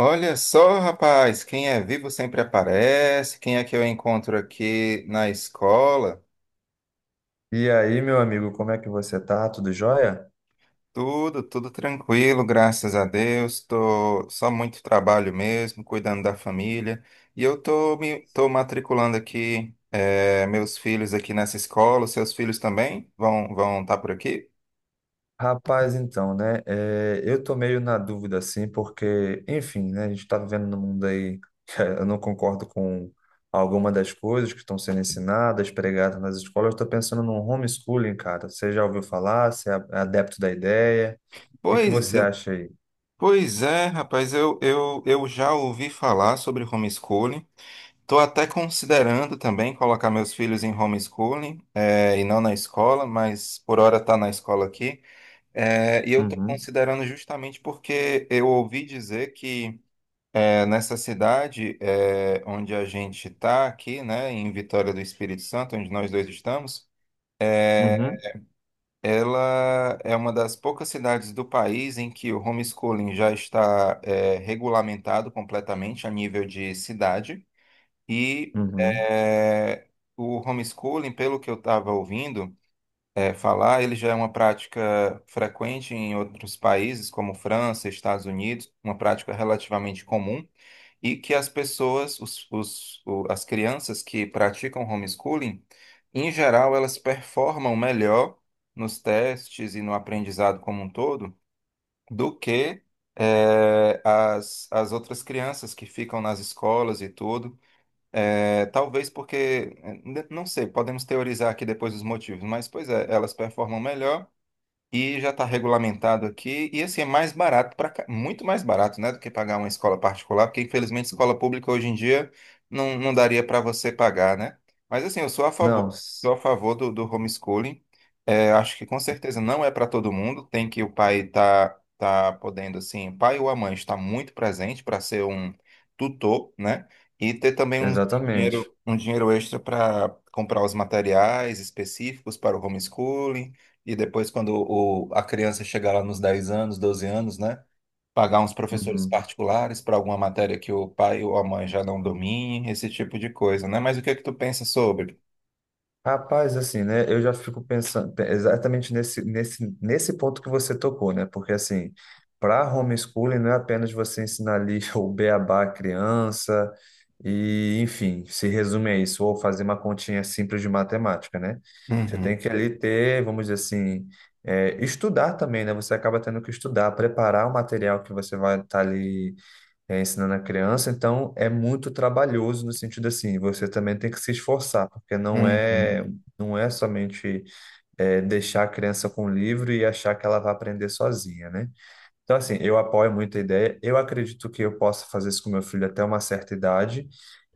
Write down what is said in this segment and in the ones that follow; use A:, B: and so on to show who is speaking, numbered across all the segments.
A: Olha só, rapaz, quem é vivo sempre aparece. Quem é que eu encontro aqui na escola?
B: E aí, meu amigo, como é que você tá? Tudo jóia?
A: Tudo tranquilo, graças a Deus. Tô só muito trabalho mesmo, cuidando da família. E eu tô matriculando aqui meus filhos aqui nessa escola. Os seus filhos também vão estar por aqui?
B: Rapaz, então, né? Eu tô meio na dúvida, assim, porque, enfim, né? A gente tá vivendo num mundo aí que eu não concordo com alguma das coisas que estão sendo ensinadas, pregadas nas escolas. Eu tô pensando num homeschooling, cara. Você já ouviu falar? Você é adepto da ideia? O que que
A: Pois
B: você
A: é,
B: acha aí?
A: pois é, rapaz. Eu já ouvi falar sobre homeschooling. Estou até considerando também colocar meus filhos em homeschooling, e não na escola, mas por hora está na escola aqui. E eu estou
B: Uhum,
A: considerando justamente porque eu ouvi dizer que nessa cidade onde a gente está aqui, né, em Vitória do Espírito Santo, onde nós dois estamos, é,
B: uhum,
A: ela é uma das poucas cidades do país em que o homeschooling já está regulamentado completamente a nível de cidade. E
B: uhum.
A: é, o homeschooling, pelo que eu estava ouvindo é, falar, ele já é uma prática frequente em outros países, como França, Estados Unidos, uma prática relativamente comum, e que as pessoas, as crianças que praticam homeschooling, em geral, elas performam melhor nos testes e no aprendizado como um todo do que é, as outras crianças que ficam nas escolas e tudo. É, talvez porque, não sei, podemos teorizar aqui depois os motivos, mas pois é, elas performam melhor. E já está regulamentado aqui. E assim, é mais barato, muito mais barato, né, do que pagar uma escola particular, porque infelizmente escola pública hoje em dia não daria para você pagar, né? Mas assim, eu
B: Não, s-
A: sou a favor do homeschooling. É, acho que com certeza não é para todo mundo. Tem que o pai tá podendo, assim, o pai ou a mãe está muito presente para ser um tutor, né? E ter também
B: Exatamente.
A: um dinheiro extra para comprar os materiais específicos para o homeschooling e depois, quando a criança chegar lá nos 10 anos, 12 anos, né? Pagar uns professores
B: Uhum.
A: particulares para alguma matéria que o pai ou a mãe já não domine, esse tipo de coisa, né? Mas o que é que tu pensa sobre?
B: Rapaz, assim, né? Eu já fico pensando exatamente nesse ponto que você tocou, né? Porque, assim, para homeschooling não é apenas você ensinar ali o beabá à criança e, enfim, se resume a isso, ou fazer uma continha simples de matemática, né? Você tem
A: Uhum,
B: que ali ter, vamos dizer assim, estudar também, né? Você acaba tendo que estudar, preparar o material que você vai estar ali ensinando a criança, então é muito trabalhoso no sentido assim, você também tem que se esforçar, porque não
A: uhum,
B: é não é somente deixar a criança com o livro e achar que ela vai aprender sozinha, né? Então, assim, eu apoio muito a ideia. Eu acredito que eu possa fazer isso com meu filho até uma certa idade.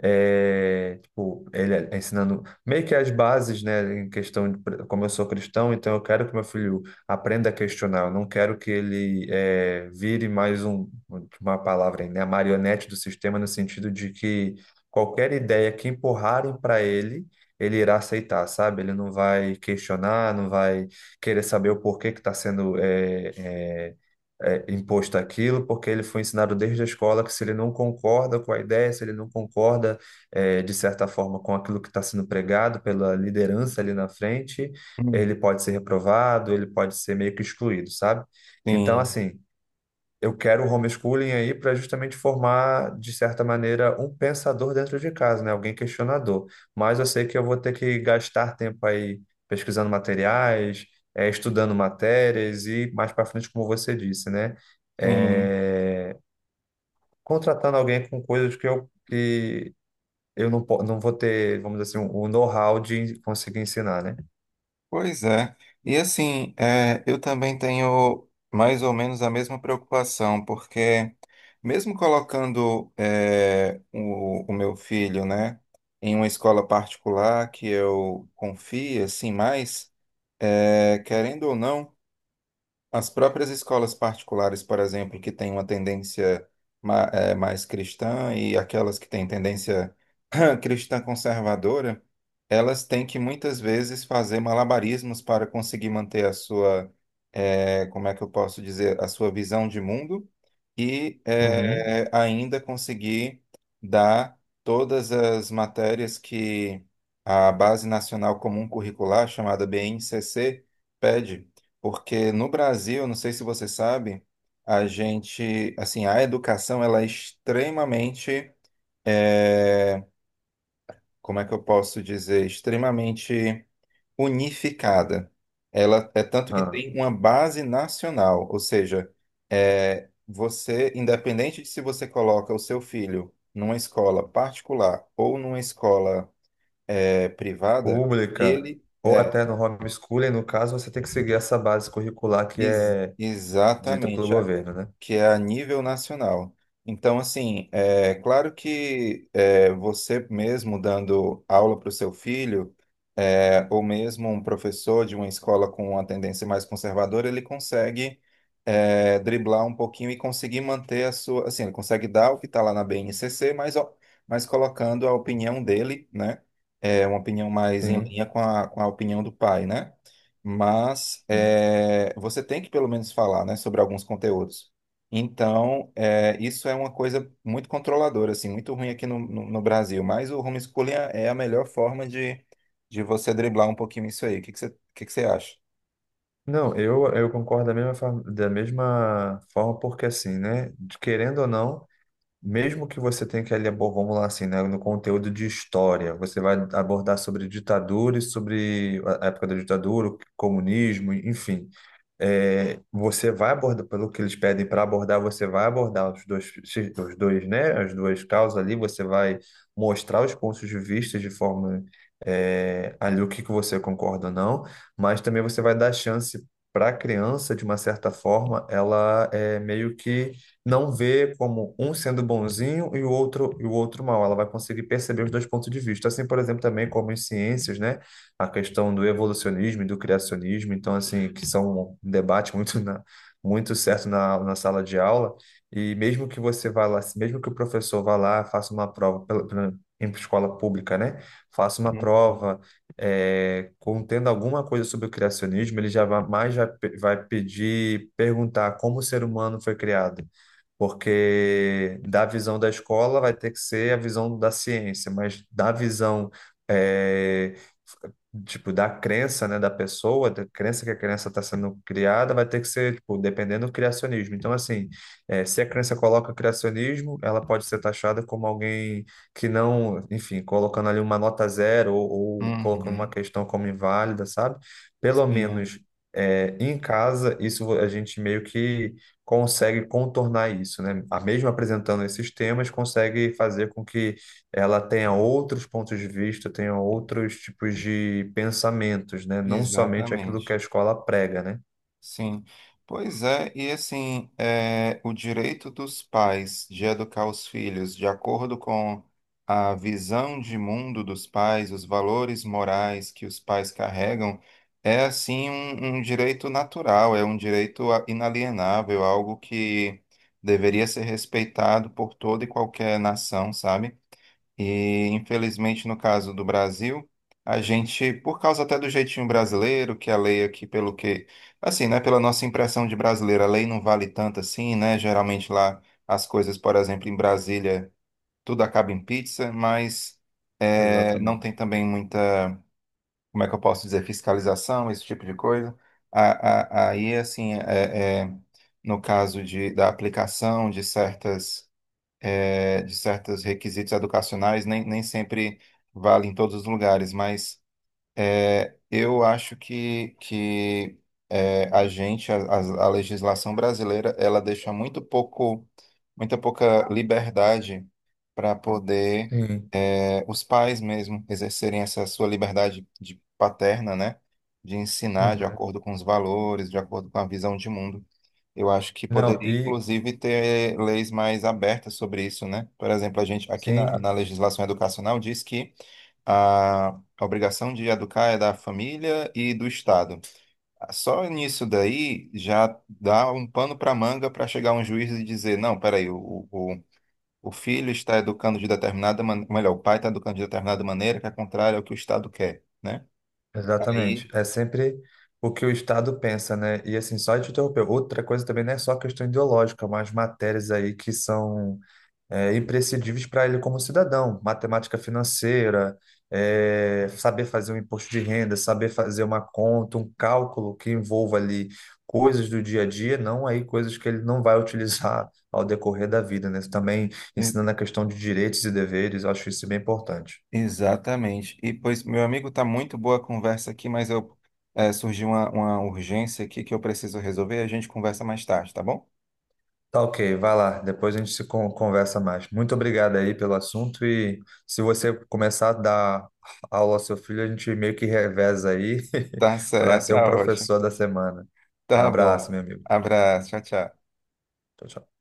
B: É, tipo, ele é ensinando meio que as bases, né, em questão de como eu sou cristão, então eu quero que meu filho aprenda a questionar. Eu não quero que ele vire mais um, uma palavra, aí, né, a marionete do sistema, no sentido de que qualquer ideia que empurrarem para ele, ele irá aceitar, sabe? Ele não vai questionar, não vai querer saber o porquê que está sendo. Imposto aquilo, porque ele foi ensinado desde a escola que se ele não concorda com a ideia, se ele não concorda, de certa forma, com aquilo que está sendo pregado pela liderança ali na frente,
A: uhum.
B: ele pode ser reprovado, ele pode ser meio que excluído, sabe? Então,
A: Sim,
B: assim, eu quero o homeschooling aí para justamente formar, de certa maneira, um pensador dentro de casa, né? Alguém questionador. Mas eu sei que eu vou ter que gastar tempo aí pesquisando materiais, estudando matérias e mais para frente, como você disse, né?
A: sim.
B: Eh, Contratando alguém com coisas que eu não, po- não vou ter, vamos dizer assim, o know-how de conseguir ensinar, né?
A: Pois é. E assim, é, eu também tenho mais ou menos a mesma preocupação, porque mesmo colocando é, o meu filho, né, em uma escola particular que eu confio, assim, mais, é, querendo ou não, as próprias escolas particulares, por exemplo, que têm uma tendência é, mais cristã e aquelas que têm tendência cristã conservadora, elas têm que muitas vezes fazer malabarismos para conseguir manter a sua, como é que eu posso dizer, a sua visão de mundo e
B: Uhum.
A: ainda conseguir dar todas as matérias que a Base Nacional Comum Curricular, chamada BNCC, pede. Porque no Brasil, não sei se você sabe, a gente, assim, a educação ela é extremamente eh, como é que eu posso dizer, extremamente unificada. Ela é tanto que
B: Ah,
A: tem uma base nacional, ou seja, é, você, independente de se você coloca o seu filho numa escola particular ou numa escola é, privada,
B: pública.
A: ele
B: Ou
A: é
B: até no homeschooling, no caso, você tem que seguir essa base curricular que é dita pelo
A: exatamente
B: governo, né?
A: que é a nível nacional. Então, assim, é claro que é, você mesmo dando aula para o seu filho é, ou mesmo um professor de uma escola com uma tendência mais conservadora, ele consegue é, driblar um pouquinho e conseguir manter a sua, assim, ele consegue dar o que está lá na BNCC, mas, ó, mas colocando a opinião dele, né? É uma opinião mais em
B: Sim,
A: linha com com a opinião do pai, né? Mas
B: sim.
A: é, você tem que pelo menos falar, né, sobre alguns conteúdos. Então, é, isso é uma coisa muito controladora, assim, muito ruim aqui no Brasil. Mas o homeschooling é a melhor forma de você driblar um pouquinho isso aí. O que que você, o que que você acha?
B: Não, eu concordo da mesma forma, porque assim, né? Querendo ou não. Mesmo que você tenha que ali, vamos lá assim, né, no conteúdo de história, você vai abordar sobre ditadura e sobre a época da ditadura, o comunismo, enfim. É, você vai abordar, pelo que eles pedem para abordar, você vai abordar os dois, né, as duas causas ali, você vai mostrar os pontos de vista de forma, ali o que que você concorda ou não, mas também você vai dar chance para a criança, de uma certa forma, ela é meio que não vê como um sendo bonzinho e o outro mal. Ela vai conseguir perceber os dois pontos de vista. Assim, por exemplo, também como em ciências, né? A questão do evolucionismo e do criacionismo, então assim, que são um debate muito certo na, na sala de aula. E mesmo que você vá lá, mesmo que o professor vá lá, faça uma prova em escola pública, né? Faça uma
A: Uhum.
B: prova contendo alguma coisa sobre o criacionismo, ele já vai, vai pedir, perguntar como o ser humano foi criado, porque da visão da escola vai ter que ser a visão da ciência, mas da visão é, tipo da crença, né, da pessoa, da crença que a criança está sendo criada, vai ter que ser tipo dependendo do criacionismo. Então assim, se a criança coloca criacionismo, ela pode ser taxada como alguém que não, enfim, colocando ali uma nota zero ou colocando uma
A: Uhum.
B: questão como inválida, sabe? Pelo
A: Sim,
B: menos em casa, isso a gente meio que consegue contornar isso, né? A mesmo apresentando esses temas, consegue fazer com que ela tenha outros pontos de vista, tenha outros tipos de pensamentos, né? Não somente aquilo que
A: exatamente.
B: a escola prega, né?
A: Sim. Pois é, e assim, é, o direito dos pais de educar os filhos de acordo com a visão de mundo dos pais, os valores morais que os pais carregam, é assim um, um direito natural, é um direito inalienável, algo que deveria ser respeitado por toda e qualquer nação, sabe? E, infelizmente, no caso do Brasil, a gente, por causa até do jeitinho brasileiro, que a lei aqui, pelo que, assim, né, pela nossa impressão de brasileiro, a lei não vale tanto assim, né? Geralmente lá as coisas, por exemplo, em Brasília, tudo acaba em pizza, mas não tem
B: Exatamente.
A: também muita, como é que eu posso dizer, fiscalização, esse tipo de coisa. Aí, assim, é, é, no caso de, da aplicação de certas é, de certos requisitos educacionais, nem sempre vale em todos os lugares, mas. É, eu acho que é, a gente, a legislação brasileira, ela deixa muito pouco, muita pouca liberdade para poder
B: Sim.
A: é, os pais mesmo exercerem essa sua liberdade de paterna, né? De ensinar de
B: Uhum.
A: acordo com os valores, de acordo com a visão de mundo. Eu acho que
B: Não,
A: poderia,
B: e
A: inclusive, ter leis mais abertas sobre isso, né? Por exemplo, a gente aqui na
B: sim,
A: legislação educacional diz que a a obrigação de educar é da família e do Estado. Só nisso daí já dá um pano para manga para chegar um juiz e dizer: não, peraí, o filho está educando de determinada maneira, melhor, o pai está educando de determinada maneira que é contrária ao que o Estado quer, né?
B: exatamente.
A: Aí.
B: É sempre o que o Estado pensa, né? E assim, só te interromper, outra coisa também não é só questão ideológica, mas matérias aí que são imprescindíveis para ele como cidadão. Matemática financeira, saber fazer um imposto de renda, saber fazer uma conta, um cálculo que envolva ali coisas do dia a dia, não aí coisas que ele não vai utilizar ao decorrer da vida, né? Também
A: e-
B: ensinando a questão de direitos e deveres, eu acho isso bem importante.
A: Exatamente. E, pois, meu amigo, tá muito boa a conversa aqui, mas eu surgiu uma urgência aqui que eu preciso resolver. A gente conversa mais tarde, tá bom?
B: Tá ok, vai lá, depois a gente se con- conversa mais. Muito obrigado aí pelo assunto e se você começar a dar aula ao seu filho, a gente meio que reveza aí
A: Tá
B: para
A: certo,
B: ser um
A: tá ótimo.
B: professor da semana. Um
A: Tá
B: abraço,
A: bom.
B: meu amigo.
A: Abraço, tchau, tchau.
B: Tchau, tchau.